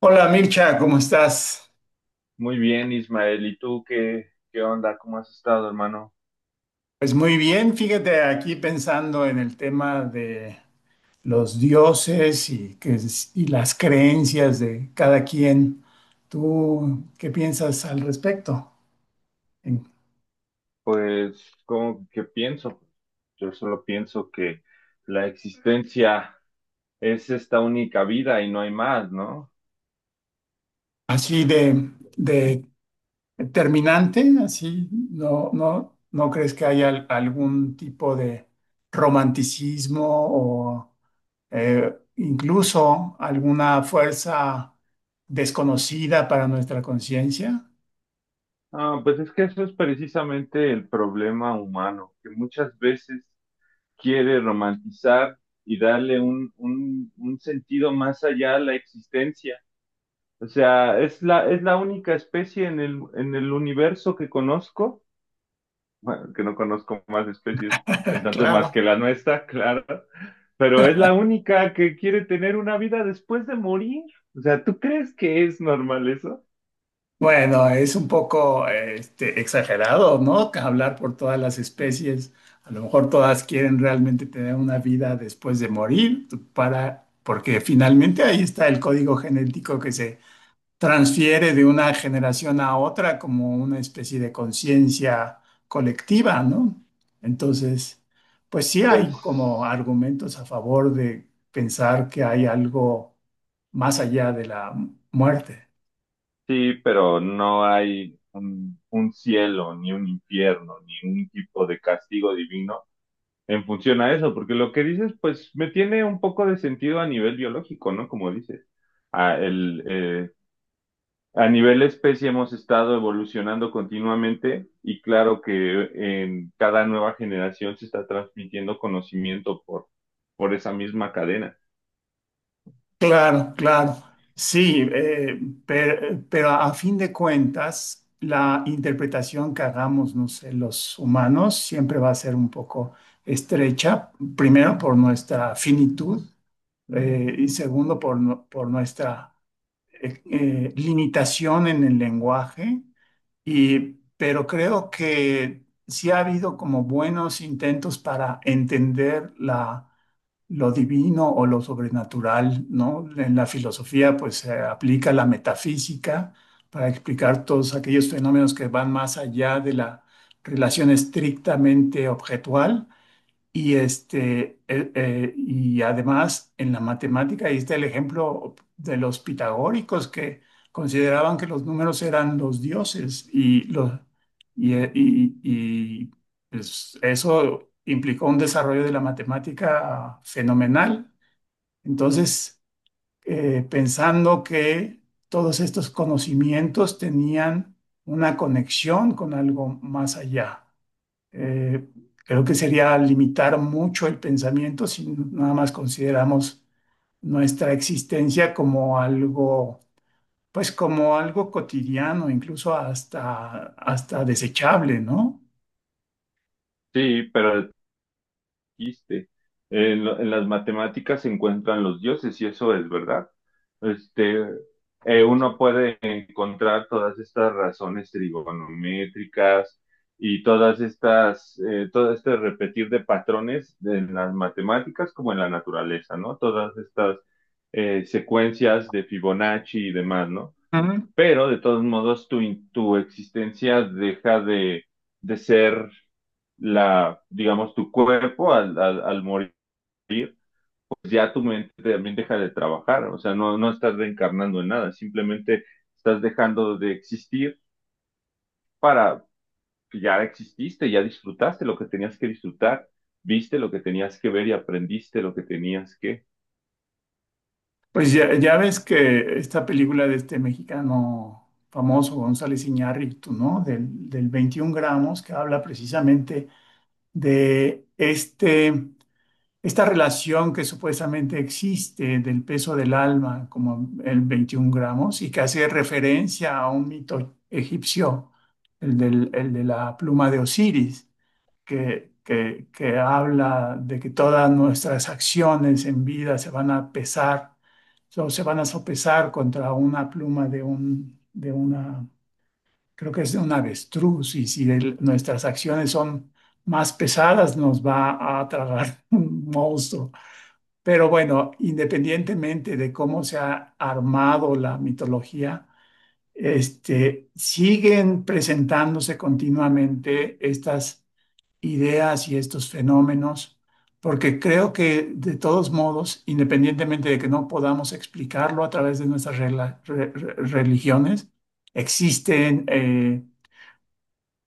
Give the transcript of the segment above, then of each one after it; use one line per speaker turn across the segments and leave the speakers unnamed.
Hola Mircha, ¿cómo estás?
Muy bien, Ismael. ¿Y tú qué, qué onda? ¿Cómo has estado, hermano?
Pues muy bien, fíjate aquí pensando en el tema de los dioses y, que, y las creencias de cada quien. ¿Tú qué piensas al respecto? En-
Pues, ¿cómo que pienso? Yo solo pienso que la existencia es esta única vida y no hay más, ¿no?
Así de terminante, así, no, no, ¿no crees que haya algún tipo de romanticismo o incluso alguna fuerza desconocida para nuestra conciencia?
Ah, pues es que eso es precisamente el problema humano, que muchas veces quiere romantizar y darle un sentido más allá a la existencia. O sea, es la única especie en el universo que conozco, bueno, que no conozco más especies pensantes más que
Claro.
la nuestra, claro, pero es la única que quiere tener una vida después de morir. O sea, ¿tú crees que es normal eso?
Bueno, es un poco este, exagerado, ¿no? Que hablar por todas las especies. A lo mejor todas quieren realmente tener una vida después de morir, porque finalmente ahí está el código genético que se transfiere de una generación a otra como una especie de conciencia colectiva, ¿no? Entonces, pues sí hay
Pues
como argumentos a favor de pensar que hay algo más allá de la muerte.
sí, pero no hay un cielo, ni un infierno, ni un tipo de castigo divino en función a eso, porque lo que dices, pues me tiene un poco de sentido a nivel biológico, ¿no? Como dices, ah, el, eh, a nivel especie hemos estado evolucionando continuamente y claro que en cada nueva generación se está transmitiendo conocimiento por esa misma cadena.
Claro, claro. Sí, pero a fin de cuentas, la interpretación que hagamos, no sé, los humanos siempre va a ser un poco estrecha, primero por nuestra finitud y segundo, por nuestra limitación en el lenguaje. Y, pero creo que sí ha habido como buenos intentos para entender lo divino o lo sobrenatural, ¿no? En la filosofía, pues se aplica la metafísica para explicar todos aquellos fenómenos que van más allá de la relación estrictamente objetual y, y además en la matemática, ahí está el ejemplo de los pitagóricos que consideraban que los números eran los dioses y, pues, eso implicó un desarrollo de la matemática fenomenal. Entonces, pensando que todos estos conocimientos tenían una conexión con algo más allá. Eh, Creo que sería limitar mucho el pensamiento si nada más consideramos nuestra existencia como algo, pues como algo cotidiano, incluso hasta, hasta desechable, ¿no?
Sí, pero dijiste. En las matemáticas se encuentran los dioses y eso es verdad. Este, Uno puede encontrar todas estas razones trigonométricas y todo este repetir de patrones en las matemáticas como en la naturaleza, ¿no? Todas estas Secuencias de Fibonacci y demás, ¿no?
Ujú.
Pero de todos modos tu existencia deja de ser la, digamos, tu cuerpo al morir, pues ya tu mente también deja de trabajar, o sea, no estás reencarnando en nada, simplemente estás dejando de existir para, ya exististe, ya disfrutaste lo que tenías que disfrutar, viste lo que tenías que ver y aprendiste lo que tenías que,
Pues ya, ya ves que esta película de este mexicano famoso, González Iñárritu, ¿no? Del 21 gramos, que habla precisamente de esta relación que supuestamente existe del peso del alma, como el 21 gramos, y que hace referencia a un mito egipcio, el de la pluma de Osiris, que habla de que todas nuestras acciones en vida se van a pesar, o se van a sopesar contra una pluma de una, creo que es de un avestruz, y si nuestras acciones son más pesadas, nos va a tragar un monstruo. Pero bueno, independientemente de cómo se ha armado la mitología, este, siguen presentándose continuamente estas ideas y estos fenómenos, porque creo que de todos modos, independientemente de que no podamos explicarlo a través de nuestras religiones, existen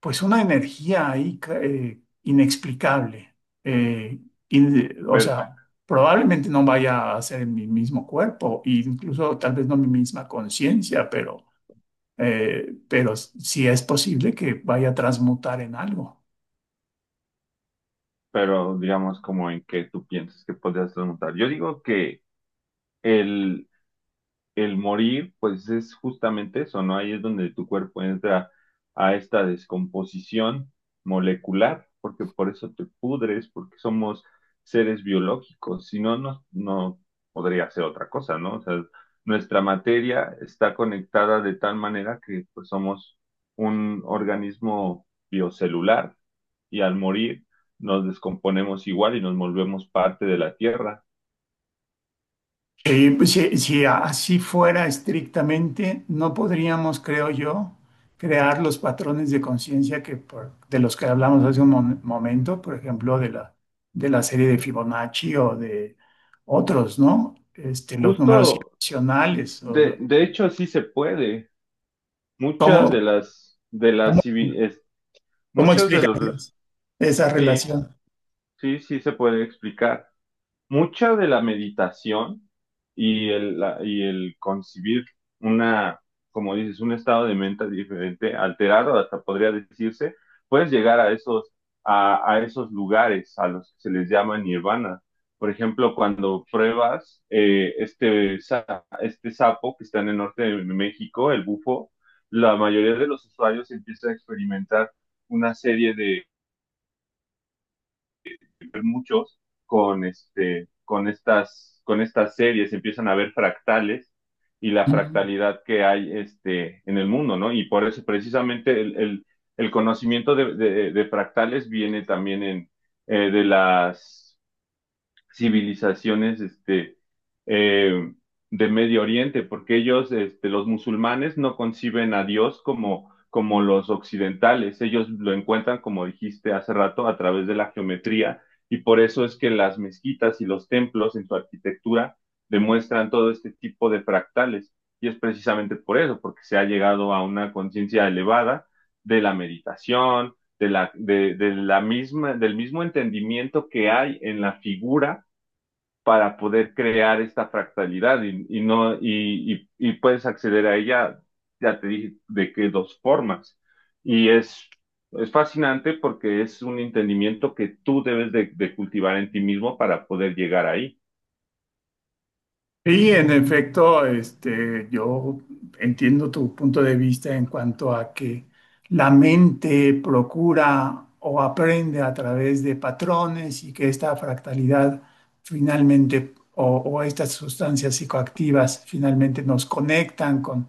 pues una energía ahí inexplicable. eh, o
pero,
sea, probablemente no vaya a ser en mi mismo cuerpo, e incluso tal vez no mi misma conciencia, pero sí es posible que vaya a transmutar en algo.
pero digamos, como en que tú piensas que podrías remontar. Yo digo que el, el morir, pues es justamente eso, ¿no? Ahí es donde tu cuerpo entra a esta descomposición molecular, porque por eso te pudres, porque somos seres biológicos, si no, no podría ser otra cosa, ¿no? O sea, nuestra materia está conectada de tal manera que pues somos un organismo biocelular y al morir nos descomponemos igual y nos volvemos parte de la Tierra.
Si, si así fuera estrictamente, no podríamos, creo yo, crear los patrones de conciencia que de los que hablamos hace un momento, por ejemplo, de de la serie de Fibonacci o de otros, ¿no? Este, los números
Justo,
irracionales.
de hecho, sí se puede. Muchas
¿Cómo,
de las, de
cómo,
las, civi- es-
cómo
muchos de los,
explicarías esa
sí,
relación?
sí, sí se puede explicar mucha de la meditación y el concebir una, como dices, un estado de mente diferente, alterado, hasta podría decirse, puedes llegar a esos, a esos lugares a los que se les llama nirvana. Por ejemplo, cuando pruebas este sapo que está en el norte de México, el bufo, la mayoría de los usuarios empiezan a experimentar una serie muchos con estas series, empiezan a ver fractales y la fractalidad que hay en el mundo, ¿no? Y por eso precisamente el conocimiento de fractales viene también de las civilizaciones eh, de Medio Oriente, porque ellos, este, los musulmanes, no conciben a Dios como, como los occidentales. Ellos lo encuentran, como dijiste hace rato, a través de la geometría, y por eso es que las mezquitas y los templos en su arquitectura demuestran todo este tipo de fractales. Y es precisamente por eso, porque se ha llegado a una conciencia elevada de la meditación, de de la misma, del mismo entendimiento que hay en la figura para poder crear esta fractalidad y no y, y, y puedes acceder a ella, ya te dije de qué dos formas. Y es fascinante porque es un entendimiento que tú debes de cultivar en ti mismo para poder llegar ahí.
Sí, en efecto, este, yo entiendo tu punto de vista en cuanto a que la mente procura o aprende a través de patrones y que esta fractalidad finalmente o estas sustancias psicoactivas finalmente nos conectan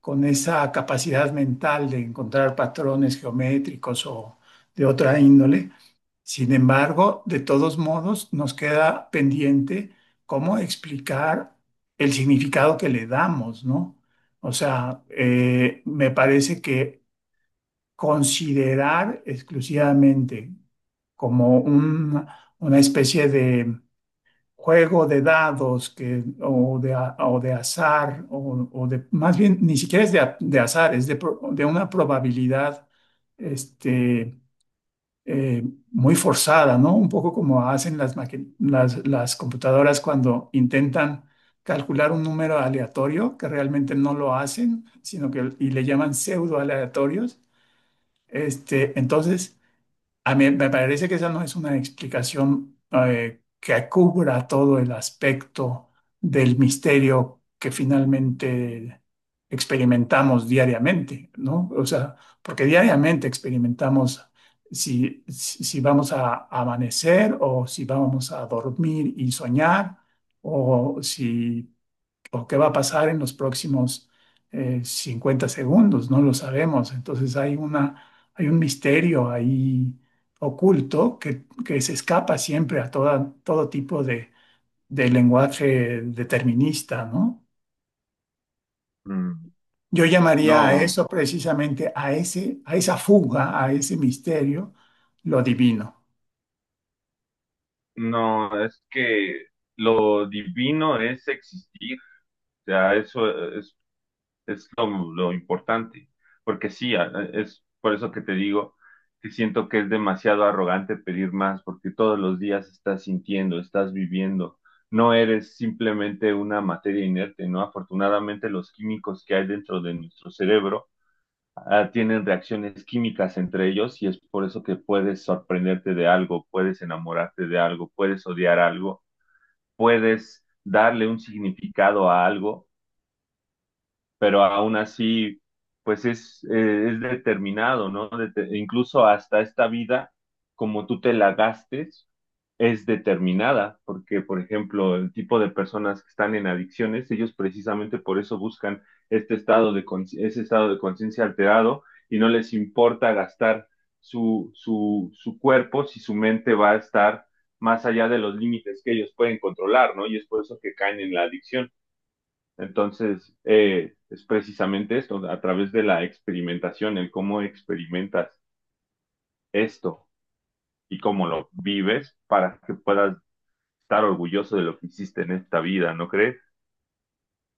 con esa capacidad mental de encontrar patrones geométricos o de otra índole. Sin embargo, de todos modos, nos queda pendiente cómo explicar el significado que le damos, ¿no? O sea, me parece que considerar exclusivamente como una especie de juego de dados que, o, de, a- o de azar, más bien, ni siquiera es de azar, es de una probabilidad este, eh, muy forzada, ¿no? Un poco como hacen las computadoras cuando intentan calcular un número aleatorio, que realmente no lo hacen, sino que y le llaman pseudo aleatorios. Este, entonces, a mí me parece que esa no es una explicación que cubra todo el aspecto del misterio que finalmente experimentamos diariamente, ¿no? O sea, porque diariamente experimentamos si vamos a amanecer o si vamos a dormir y soñar o si o qué va a pasar en los próximos 50 segundos, no lo sabemos. Entonces hay una, hay un misterio ahí oculto que se escapa siempre a toda, todo tipo de lenguaje determinista, ¿no?
Mm.
Yo llamaría a claro.
No,
Eso precisamente, a ese, a esa fuga, a ese misterio, lo divino.
no, es que lo divino es existir. O sea, eso, es lo importante, porque sí, es por eso que te digo que siento que es demasiado arrogante pedir más, porque todos los días estás sintiendo, estás viviendo, no eres simplemente una materia inerte, ¿no? Afortunadamente los químicos que hay dentro de nuestro cerebro tienen reacciones químicas entre ellos y es por eso que puedes sorprenderte de algo, puedes enamorarte de algo, puedes odiar algo, puedes darle un significado a algo, pero aún así, pues es determinado, ¿no? Incluso hasta esta vida, como tú te la gastes, es determinada, porque, por ejemplo, el tipo de personas que están en adicciones, ellos precisamente por eso buscan ese estado de conciencia alterado y no les importa gastar su cuerpo si su mente va a estar más allá de los límites que ellos pueden controlar, ¿no? Y es por eso que caen en la adicción. Entonces, es precisamente esto, a través de la experimentación, el cómo experimentas esto y cómo lo vives para que puedas estar orgulloso de lo que hiciste en esta vida, ¿no crees?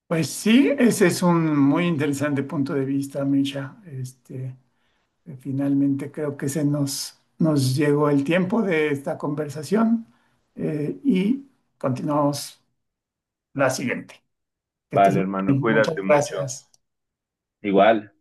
Pues sí, ese es un muy interesante punto de vista, Misha. Finalmente creo que se nos llegó el tiempo de esta conversación y continuamos la siguiente. Que estés
Vale,
muy
hermano,
bien. Muchas
cuídate mucho.
gracias.
Igual.